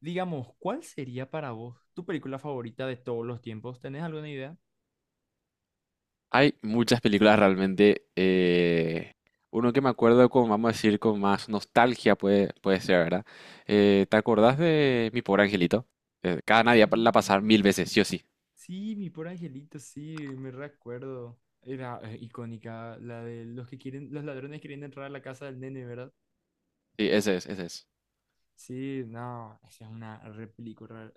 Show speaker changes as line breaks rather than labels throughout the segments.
Digamos, ¿cuál sería para vos tu película favorita de todos los tiempos? ¿Tenés alguna idea?
Hay muchas películas realmente. Uno que me acuerdo con, vamos a decir, con más nostalgia puede ser, ¿verdad? ¿Te acordás de Mi Pobre Angelito? Cada
Sí,
Navidad la pasar 1000 veces, sí o sí.
sí, mi pobre angelito, sí, me recuerdo. Era icónica la de los que quieren, los ladrones queriendo entrar a la casa del nene, ¿verdad?
Sí, ese es, ese es.
Sí, no, esa es una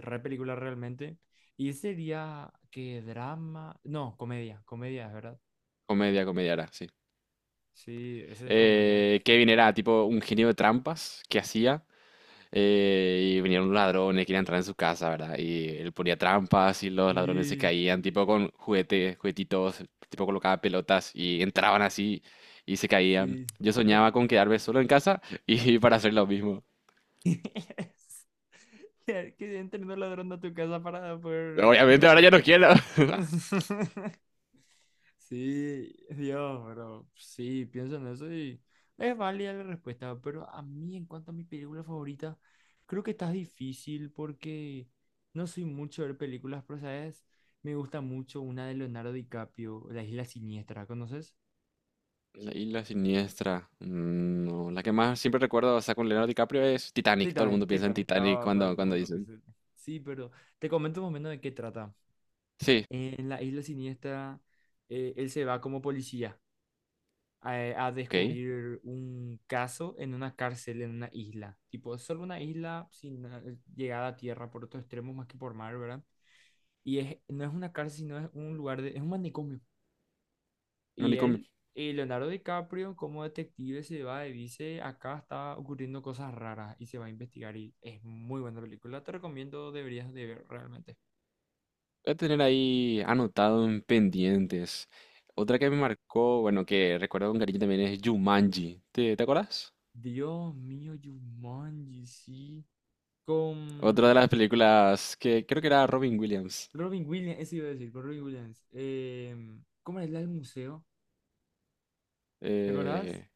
re película realmente. Y sería que drama, no, comedia, comedia, ¿verdad?
Comedia, comedia era, sí.
Sí, esa es comedia.
Kevin era tipo un genio de trampas que hacía. Y venían unos ladrones, querían entrar en su casa, ¿verdad? Y él ponía trampas y los ladrones se
Sí,
caían, tipo con juguetes, juguetitos, tipo colocaba pelotas y entraban así y se caían.
sí.
Yo soñaba con quedarme solo en casa y para hacer lo mismo.
Que entre un ladrón a tu casa para poder...
Obviamente ahora ya no quiero.
Sí, Dios, pero sí, pienso en eso y es válida la respuesta, pero a mí en cuanto a mi película favorita, creo que está difícil porque no soy mucho de ver películas, pero sabes, me gusta mucho una de Leonardo DiCaprio, La Isla Siniestra, ¿conoces?
La isla siniestra. No, la que más siempre recuerdo, o sea, con Leonardo DiCaprio es Titanic. Todo el
Titanic,
mundo piensa en
Titanic,
Titanic
todo el
cuando, cuando
mundo.
dicen.
Sí, pero te comento un momento de qué trata.
Sí,
En la isla siniestra, él se va como policía a
ok.
descubrir un caso en una cárcel, en una isla. Tipo, es solo una isla sin llegada a tierra por otros extremos más que por mar, ¿verdad? Y es, no es una cárcel, sino es un lugar de, es un manicomio.
No,
Y él, Leonardo DiCaprio, como detective, se va y dice, acá está ocurriendo cosas raras y se va a investigar. Y es muy buena película. Te recomiendo, deberías de ver realmente.
voy a tener ahí anotado en pendientes. Otra que me marcó, bueno, que recuerdo con cariño también es Jumanji. ¿Te acuerdas?
Dios mío, Jumanji, sí.
Otra de
Con
las películas que creo que era Robin Williams.
Robin Williams, eso iba a decir, con Robin Williams. ¿Cómo era el del museo? ¿Te acordás?
Eh,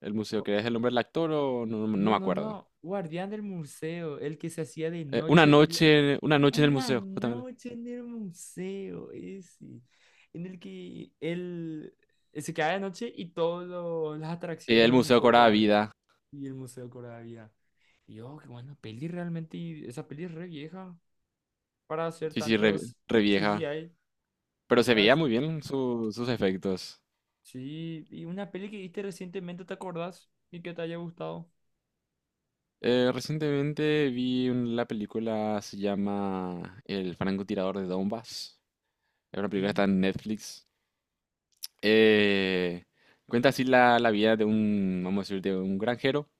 el museo,
O-
que es el nombre del actor o no, no
No,
me
no,
acuerdo.
no. Guardián del museo, el que se hacía de
Eh, una
noche y lo-
noche, una noche en el
una
museo, justamente.
noche en el museo, ese, en el que él se quedaba de noche y todas las atracciones
El
del
museo
museo
cobraba
cobraba
vida.
y el museo cobraba vida. Y yo, qué buena peli realmente, y esa peli es re vieja para hacer
Sí, sí, re,
tantos
re vieja.
CGI.
Pero se veía muy bien sus efectos.
Sí, y una peli que viste recientemente, ¿te acordás? Y que te haya gustado.
Recientemente vi la película, se llama El Francotirador de Donbass. Es una película que está
Sí.
en Netflix. Eh, Cuenta así la vida de un, vamos a decir, de un granjero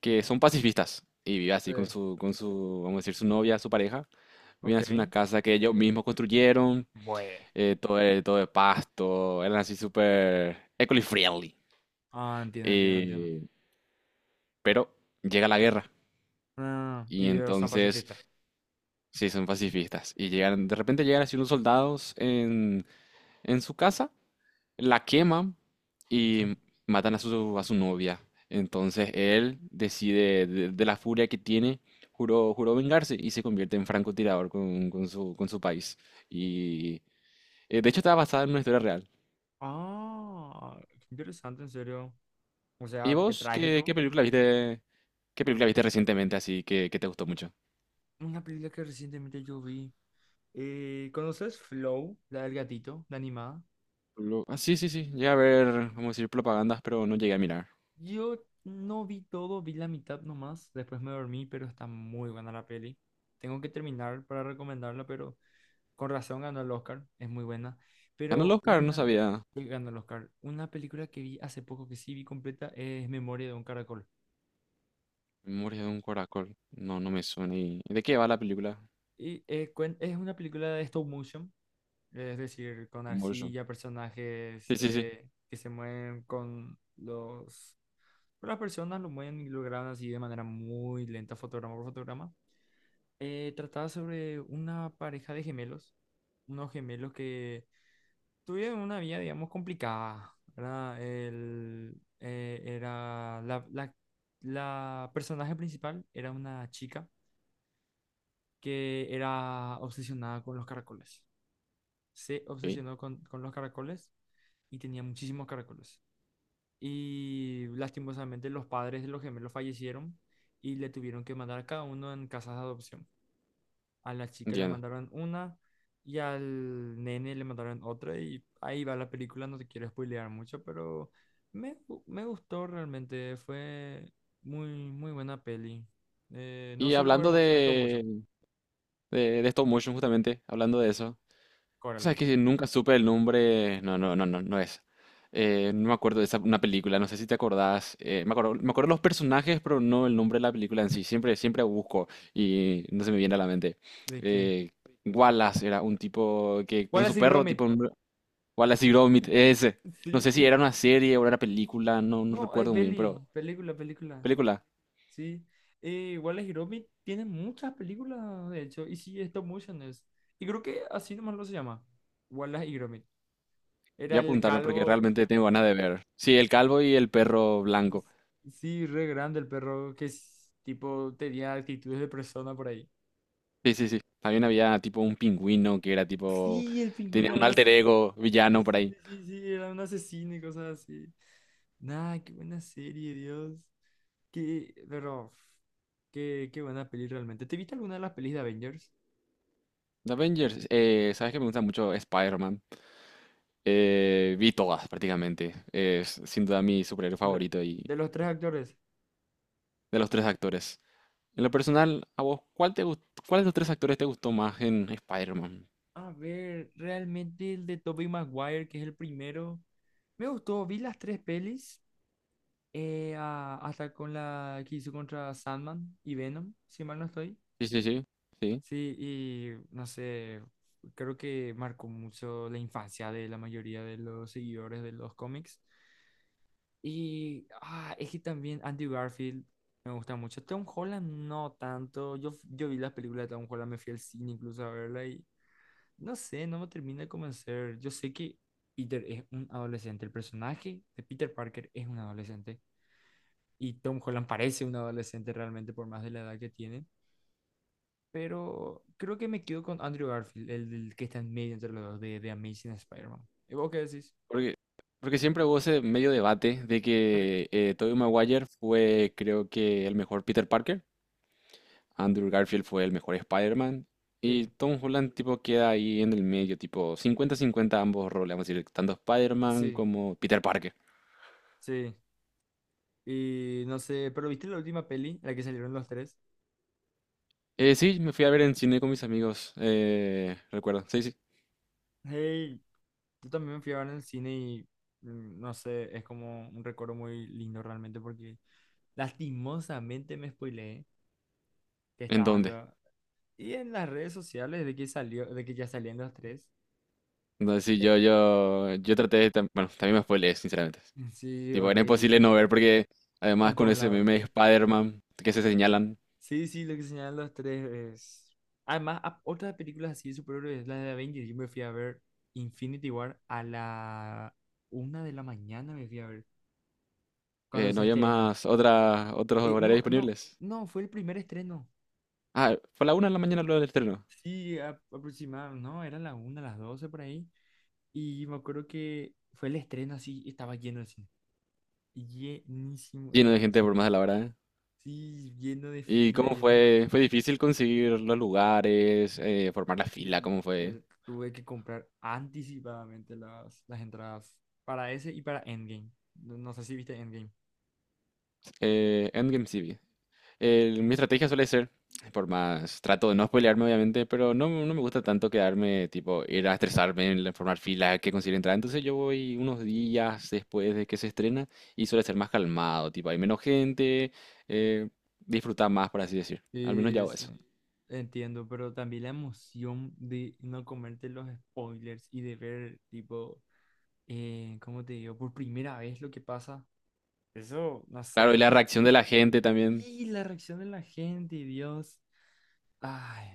que son pacifistas y vive así con
Sí.
su, vamos a decir, su novia, su pareja. Viven
Ok.
así en una casa que ellos mismos construyeron,
Bueno.
todo, todo de pasto, eran así súper eco-friendly.
Ah, entiendo, entiendo, entiendo.
Eh, pero llega la guerra
No, no, no. No. Y
y
ellos son
entonces
pacifistas.
sí, son pacifistas. Y llegan, de repente llegan así unos soldados en su casa, la queman
¿Qué?
y matan a su novia. Entonces él decide, de la furia que tiene, juró, juró vengarse y se convierte en francotirador con su país. Y de hecho está basada en una historia real.
Ah, qué interesante, en serio. O
¿Y
sea, qué
vos qué
trágico.
película viste, qué película viste recientemente así que te gustó mucho?
Una película que recientemente yo vi. ¿Conoces Flow, la del gatito, la animada?
Ah, sí, sí, sí, llegué a ver, vamos a decir, propagandas, pero no llegué a mirar.
Yo no vi todo, vi la mitad nomás. Después me dormí, pero está muy buena la peli. Tengo que terminar para recomendarla, pero con razón ganó el Oscar, es muy buena.
Ganó el
Pero
Oscar, no
una,
sabía.
ganó el Oscar. Una película que vi hace poco, que sí vi completa, es Memoria de un Caracol.
Memoria de un Caracol. No, no me suena. ¿Y de qué va la película?
Es una película de stop motion, es decir, con
Convulsion.
arcilla, personajes
Sí, sí, sí.
que se mueven con los... con las personas lo mueven y lo graban así de manera muy lenta, fotograma por fotograma. Trataba sobre una pareja de gemelos, unos gemelos que tuve una vida, digamos, complicada, ¿verdad? Era la personaje principal era una chica que era obsesionada con los caracoles. Se
Ok.
obsesionó con los caracoles y tenía muchísimos caracoles. Y lastimosamente los padres de los gemelos fallecieron y le tuvieron que mandar a cada uno en casas de adopción. A la chica le
Entiendo.
mandaron una y al nene le mandaron otra y ahí va la película, no te quiero spoilear mucho, pero me gustó realmente, fue muy, muy buena peli. No
Y
suelo ver
hablando
mucho de stop
de,
motion.
de stop motion, justamente, hablando de eso, o sea,
Coraline.
que nunca supe el nombre, no, no, no, no, no es. No me acuerdo de esa, una película, no sé si te acordás, me acuerdo, los personajes, pero no el nombre de la película en sí, siempre busco y no se me viene a la mente.
¿De qué?
Eh, Wallace era un tipo que con
Wallace
su
y
perro,
Gromit,
Wallace y Gromit, ese. No
sí,
sé si era
y...
una serie o era una película, no
No, es
recuerdo muy bien, pero
peli, película, película,
película.
sí. Wallace y Gromit tiene muchas películas, de hecho, y sí, stop motion es. Y creo que así nomás lo se llama, Wallace y Gromit.
Voy
Era
a
el
apuntarme porque
calvo.
realmente tengo ganas de ver. Sí, el calvo y el perro blanco.
Sí, re grande el perro que es, tipo tenía actitudes de persona por ahí.
Sí, sí, sí. También había tipo un pingüino que era tipo.
Sí, el pingüino
Tenía
era
un
una... as-
alter ego
Sí,
villano por
sí,
ahí.
sí, sí, sí, era un asesino y cosas así. Nah, qué buena serie, Dios. Qué, pero, qué, qué buena peli realmente. ¿Te viste alguna de las pelis de Avengers?
The Avengers, sabes que me gusta mucho Spider-Man. Vi todas prácticamente. Es sin duda mi superhéroe
Ve-
favorito y
De los tres actores.
de los tres actores. En lo personal, ¿a vos cuál de los tres actores te gustó más en Spider-Man?
A ver, realmente el de Tobey Maguire, que es el primero, me gustó. Vi las tres pelis. A- hasta con la que hizo contra Sandman y Venom, si mal no estoy.
Sí, sí, sí. Sí.
Sí, y no sé, creo que marcó mucho la infancia de la mayoría de los seguidores de los cómics. Y ah, es que también Andy Garfield me gusta mucho. Tom Holland no tanto. Yo vi las películas de Tom Holland, me fui al cine incluso a verla y no sé, no me termina de convencer. Yo sé que Peter es un adolescente, el personaje de Peter Parker es un adolescente, y Tom Holland parece un adolescente realmente por más de la edad que tiene. Pero creo que me quedo con Andrew Garfield, el que está en medio entre los dos de Amazing Spider-Man. ¿Y vos qué decís?
Porque, porque siempre hubo ese medio debate de que Tobey Maguire fue, creo que, el mejor Peter Parker, Andrew Garfield fue el mejor Spider-Man, y
Sí.
Tom Holland, tipo, queda ahí en el medio, tipo, 50-50 ambos roles, vamos a decir, tanto Spider-Man
Sí,
como Peter Parker.
sí. Y no sé, pero ¿viste la última peli, la que salieron los tres?
Sí, me fui a ver en cine con mis amigos, recuerdo, sí, sí.
Hey, yo también me fui a ver en el cine y mm, no sé, es como un recuerdo muy lindo realmente porque lastimosamente me spoileé que
¿En
estaban
dónde?
los... Y en las redes sociales de que salió, de que ya salían los tres,
Entonces, sí,
eh,
yo traté de, bueno, también me spoileé, sinceramente.
sí,
Tipo, era imposible
horrible.
no ver porque
En
además con
todos
ese
lados.
meme de Spider-Man que se señalan.
Sí, sí, lo que señalan los tres es... Además, a- otras películas así de superhéroes, es la de Avengers, yo me fui a ver Infinity War a la una de la mañana, me fui a ver, cuando
No
se
había
estrenó.
más otros horarios
No, no,
disponibles.
no, fue el primer estreno.
Ah, fue a la 1 de la mañana luego del estreno.
Sí, a- aproximadamente, no, era la una, las doce por ahí. Y me acuerdo que fue el estreno así, estaba lleno de cine. Llenísimo
Lleno de
estaba el
gente por
cine.
más de la hora, ¿eh?
Sí, lleno de
¿Y
fila,
cómo
lleno de
fue?
cosas.
¿Fue difícil conseguir los lugares, formar la fila?
Sí,
¿Cómo fue?
tuve que comprar anticipadamente las entradas para ese y para Endgame. No, no sé si viste Endgame.
Endgame sí vi. Mi estrategia suele ser, por más, trato de no spoilearme obviamente, pero no me gusta tanto quedarme, tipo, ir a estresarme formar filas que consigue entrar. Entonces yo voy unos días después de que se estrena y suele ser más calmado, tipo, hay menos gente, eh, disfruta más, por así decir. Al menos yo hago
Sí,
eso.
entiendo, pero también la emoción de no comerte los spoilers y de ver, tipo, ¿cómo te digo? Por primera vez lo que pasa. Eso, no
Claro, y la
sé.
reacción de la gente también.
Sí, la reacción de la gente, Dios. Ay,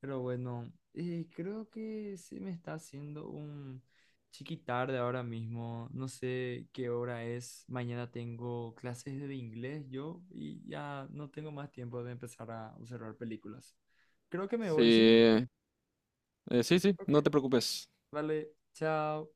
pero bueno, creo que se me está haciendo un chiqui tarde ahora mismo. No sé qué hora es. Mañana tengo clases de inglés yo y ya no tengo más tiempo de empezar a observar películas. Creo que me
Sí,
voy, ¿sí?
sí, sí,
Ok.
no te preocupes.
Vale, chao.